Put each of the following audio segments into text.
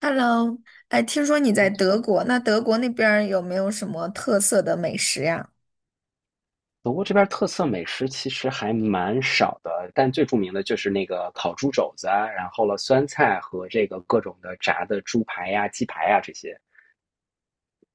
Hello。哎，听说你在嗯，德国，那德国那边儿有没有什么特色的美食呀？德国这边儿特色美食其实还蛮少的，但最著名的就是那个烤猪肘子啊，然后了酸菜和这个各种的炸的猪排呀、鸡排呀这些。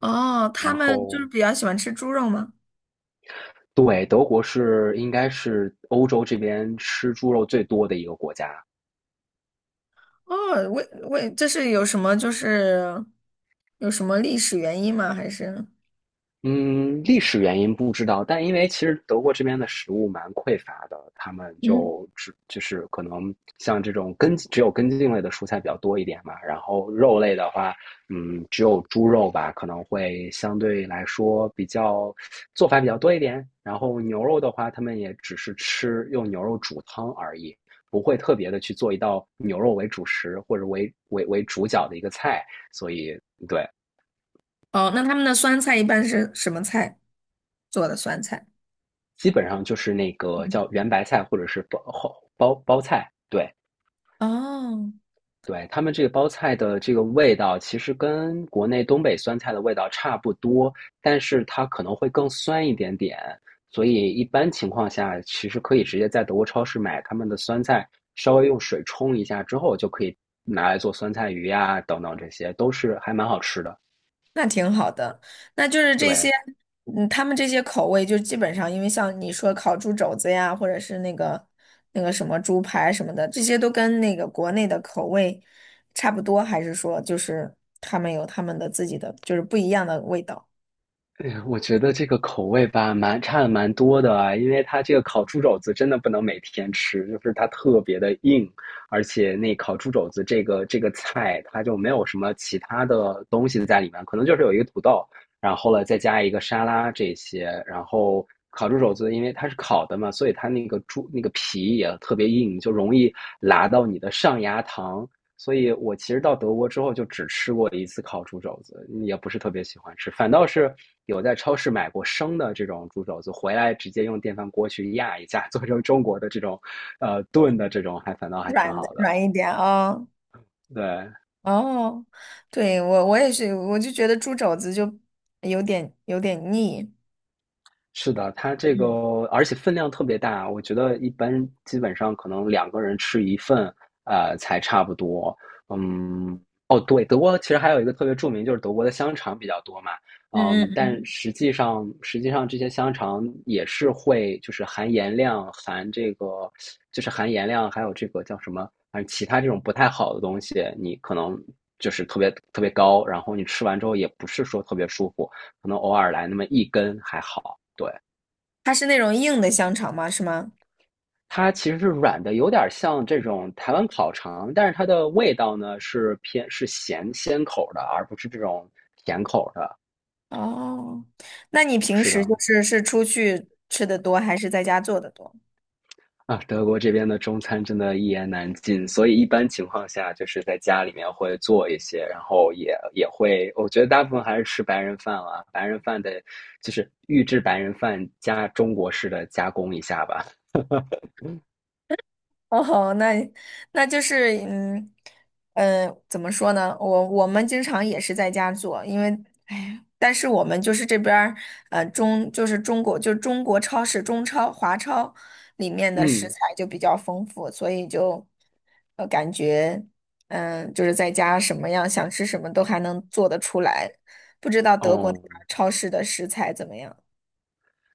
哦，他然们就是后，比较喜欢吃猪肉吗？对，德国是应该是欧洲这边吃猪肉最多的一个国家。哦，为这是有什么历史原因吗？还是嗯，历史原因不知道，但因为其实德国这边的食物蛮匮乏的，他们嗯。就是可能像这种只有根茎类的蔬菜比较多一点嘛，然后肉类的话，只有猪肉吧，可能会相对来说做法比较多一点，然后牛肉的话，他们也只是吃用牛肉煮汤而已，不会特别的去做一道牛肉为主食或者为主角的一个菜，所以对。哦，那他们的酸菜一般是什么菜做的酸菜？基本上就是那个嗯。叫圆白菜或者是包菜，对，哦。对，他们这个包菜的这个味道其实跟国内东北酸菜的味道差不多，但是它可能会更酸一点点，所以一般情况下其实可以直接在德国超市买他们的酸菜，稍微用水冲一下之后就可以拿来做酸菜鱼呀、等等，这些都是还蛮好吃的，那挺好的，那就是这些。对。嗯，他们这些口味就基本上，因为像你说烤猪肘子呀，或者是那个什么猪排什么的，这些都跟那个国内的口味差不多，还是说就是他们有他们的自己的，就是不一样的味道。哎呀，我觉得这个口味吧，蛮多的啊，因为它这个烤猪肘子真的不能每天吃，就是它特别的硬，而且那烤猪肘子这个菜，它就没有什么其他的东西在里面，可能就是有一个土豆，然后了再加一个沙拉这些，然后烤猪肘子因为它是烤的嘛，所以它那个猪那个皮也特别硬，就容易拉到你的上牙膛，所以我其实到德国之后就只吃过一次烤猪肘子，也不是特别喜欢吃，反倒是有在超市买过生的这种猪肘子，回来直接用电饭锅去压一下，做成中国的这种，炖的这种，反倒还挺好的。软一点啊。对，哦，对，我也是，我就觉得猪肘子就有点腻。是的，它这个而且分量特别大，我觉得一般基本上可能两个人吃一份，才差不多。嗯，哦，对，德国其实还有一个特别著名，就是德国的香肠比较多嘛。嗯嗯嗯。但实际上这些香肠也是会就是含盐量、含这个就是含盐量，还有这个叫什么，反正其他这种不太好的东西，你可能就是特别特别高，然后你吃完之后也不是说特别舒服。可能偶尔来那么一根还好。对，它是那种硬的香肠吗？是吗？它其实是软的，有点像这种台湾烤肠，但是它的味道呢是偏是咸鲜口的，而不是这种甜口的。哦，那你平是时的，就是是出去吃的多，还是在家做的多？啊，德国这边的中餐真的一言难尽，所以一般情况下就是在家里面会做一些，然后也会，我觉得大部分还是吃白人饭啊，白人饭的，就是预制白人饭加中国式的加工一下吧。哦，那就是怎么说呢？我们经常也是在家做。因为哎呀，但是我们就是这边儿呃中就是中国就中国超市，中超，华超里面的食嗯，材就比较丰富，所以就感觉就是在家什么样想吃什么都还能做得出来。不知道德国那哦。边儿超市的食材怎么样？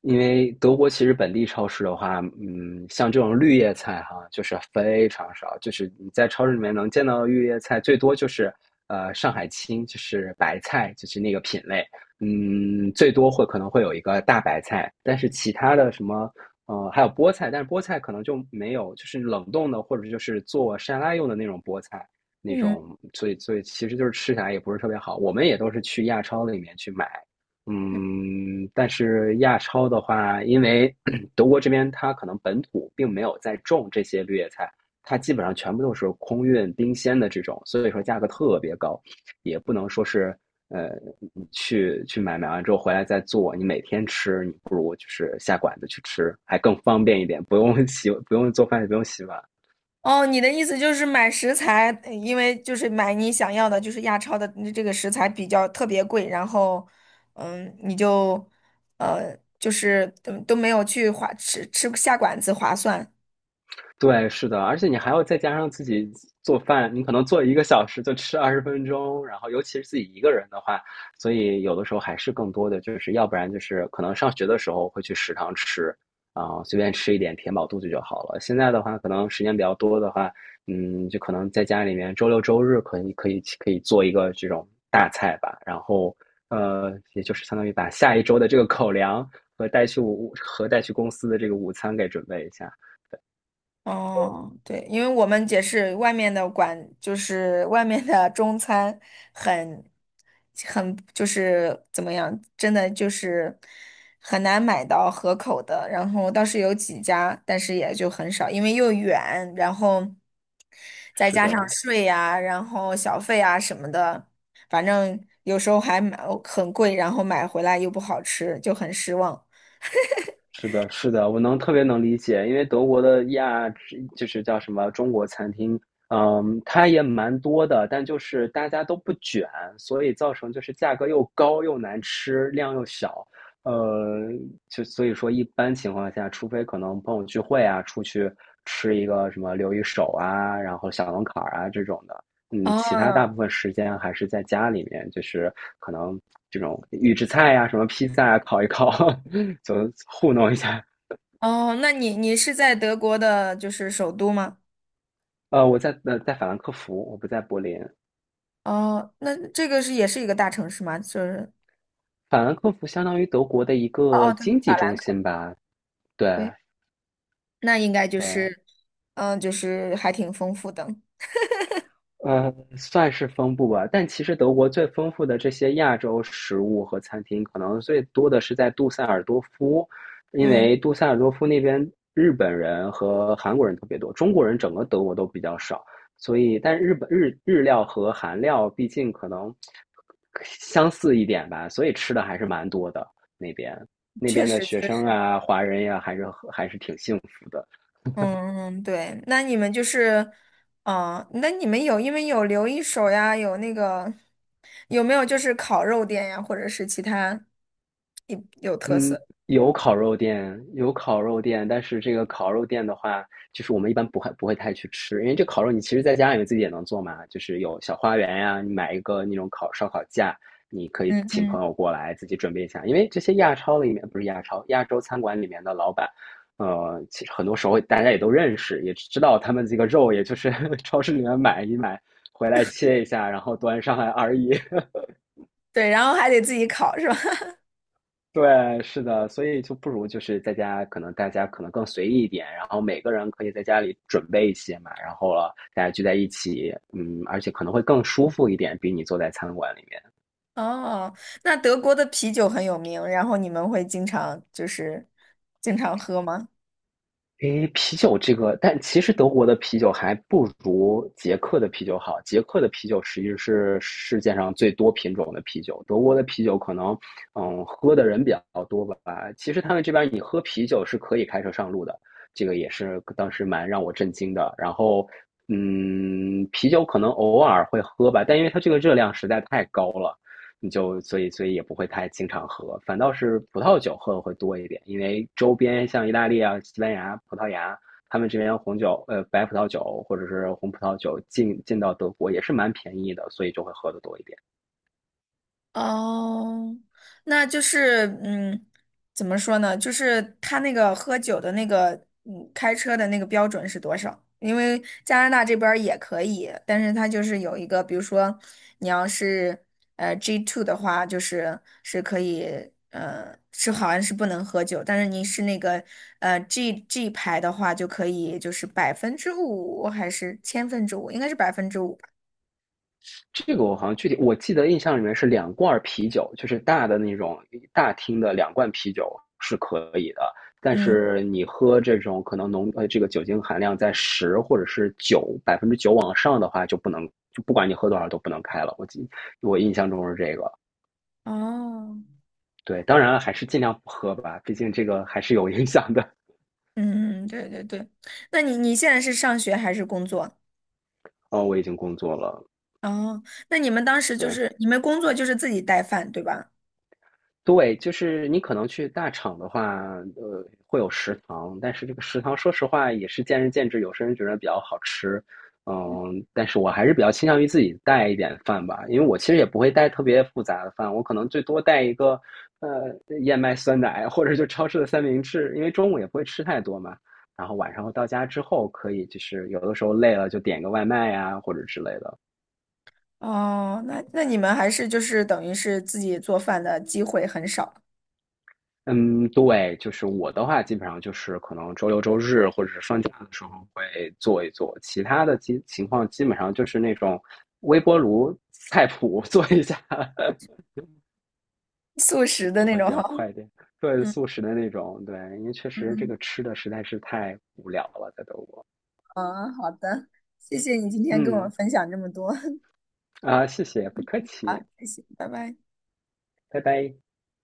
因为德国其实本地超市的话，像这种绿叶菜哈，就是非常少，就是你在超市里面能见到的绿叶菜，最多就是上海青，就是白菜，就是那个品类，最多可能会有一个大白菜，但是其他的什么。还有菠菜，但是菠菜可能就没有，就是冷冻的或者就是做沙拉用的那种菠菜，那嗯。种，所以其实就是吃起来也不是特别好。我们也都是去亚超里面去买，但是亚超的话，因为 德国这边它可能本土并没有在种这些绿叶菜，它基本上全部都是空运冰鲜的这种，所以说价格特别高，也不能说是呃你去买完之后回来再做，你每天吃，你不如就是下馆子去吃，还更方便一点，不用洗，不用做饭，也不用洗碗。哦，你的意思就是买食材，因为就是买你想要的，就是亚超的这个食材比较特别贵，然后，嗯，你就，呃，就是都没有去划吃下馆子划算。对，是的，而且你还要再加上自己做饭，你可能做一个小时就吃20分钟，然后尤其是自己一个人的话，所以有的时候还是更多的就是，要不然就是可能上学的时候会去食堂吃，啊、随便吃一点填饱肚子就好了。现在的话，可能时间比较多的话，就可能在家里面周六周日可以做一个这种大菜吧，然后也就是相当于把下一周的这个口粮和带去公司的这个午餐给准备一下。哦，对。因为我们也是外面的馆，就是外面的中餐很，很就是怎么样，真的就是很难买到合口的。然后倒是有几家，但是也就很少，因为又远，然后再是加上的，税呀、然后小费啊什么的，反正有时候还买哦很贵，然后买回来又不好吃，就很失望。是的，是的，我能特别能理解，因为德国的就是叫什么中国餐厅，它也蛮多的，但就是大家都不卷，所以造成就是价格又高又难吃，量又小，呃，就所以说一般情况下，除非可能朋友聚会啊，出去吃一个什么留一手啊，然后小龙坎儿啊这种的，其他大哦部分时间还是在家里面，就是可能这种预制菜呀、什么披萨啊烤一烤，就糊弄一下。哦，那你是在德国的，就是首都吗？我在法兰克福，我不在柏林。哦，那这个是也是一个大城市吗？就是法兰克福相当于德国的一哦个哦，对，经济法兰中克心福。吧？对，对，那应该就对，是，嗯，就是还挺丰富的。算是丰富吧，但其实德国最丰富的这些亚洲食物和餐厅，可能最多的是在杜塞尔多夫，因为嗯，杜塞尔多夫那边日本人和韩国人特别多，中国人整个德国都比较少，所以但日本日日料和韩料毕竟可能相似一点吧，所以吃的还是蛮多的那边。那确边的实学确生实。啊，华人呀、还是挺幸福的。嗯嗯，对，那你们就是。啊、那你们有因为有留一手呀，有那个有没有就是烤肉店呀，或者是其他有特嗯，色？有烤肉店，有烤肉店，但是这个烤肉店的话，就是我们一般不会太去吃，因为这烤肉你其实在家里面自己也能做嘛，就是有小花园呀、你买一个那种烤烧烤架，你可以嗯请朋嗯，友过来自己准备一下，因为这些亚超里面，不是亚超，亚洲餐馆里面的老板，其实很多时候大家也都认识，也知道他们这个肉，也就是 超市里面买一买，回来切一下，然后端上来而已。对，然后还得自己烤是吧？对，是的，所以就不如就是在家，可能大家可能更随意一点，然后每个人可以在家里准备一些嘛，然后了大家聚在一起，而且可能会更舒服一点，比你坐在餐馆里面。哦，那德国的啤酒很有名，然后你们会经常就是经常喝吗？诶，啤酒这个，但其实德国的啤酒还不如捷克的啤酒好。捷克的啤酒实际是世界上最多品种的啤酒，德国的啤酒可能，喝的人比较多吧。其实他们这边你喝啤酒是可以开车上路的，这个也是当时蛮让我震惊的。然后，啤酒可能偶尔会喝吧，但因为它这个热量实在太高了，你就所以也不会太经常喝，反倒是葡萄酒喝的会多一点，因为周边像意大利啊、西班牙、葡萄牙，他们这边白葡萄酒或者是红葡萄酒进到德国也是蛮便宜的，所以就会喝的多一点。哦，那就是嗯，怎么说呢？就是他那个喝酒的那个，嗯，开车的那个标准是多少？因为加拿大这边儿也可以，但是它就是有一个，比如说你要是G2 的话，就是是可以。是好像是不能喝酒，但是你是那个G 牌的话，就可以就是百分之五还是5‰，应该是百分之五吧？这个我好像具体我记得印象里面是两罐啤酒，就是大的那种大厅的两罐啤酒是可以的，但嗯。是你喝这种可能这个酒精含量在十或者是九百分之九往上的话就不能，就不管你喝多少都不能开了。我印象中是这个，哦。对，当然还是尽量不喝吧，毕竟这个还是有影响的。嗯嗯，对对对。那你现在是上学还是工作？哦，我已经工作了，哦，那你们当时就对。是你们工作就是自己带饭，对吧？对，就是你可能去大厂的话，会有食堂，但是这个食堂说实话也是见仁见智，有些人觉得比较好吃，但是我还是比较倾向于自己带一点饭吧，因为我其实也不会带特别复杂的饭，我可能最多带一个呃燕麦酸奶或者就超市的三明治，因为中午也不会吃太多嘛，然后晚上到家之后可以就是有的时候累了就点个外卖呀、或者之类的，哦，那你们还是就是等于是自己做饭的机会很少。嗯，对，就是我的话，基本上就是可能周六周日或者是放假的时候会做一做，其他的基情况基本上就是那种微波炉菜谱 做一下，素食的就那会种。比较哈。快一点。对，嗯素食的那种，对，因为确实这嗯个吃的实在是太无聊了，在德国。嗯，好的。谢谢你今天跟我嗯，分享这么多。啊，谢谢，不客 好，气，谢谢，拜拜。拜拜。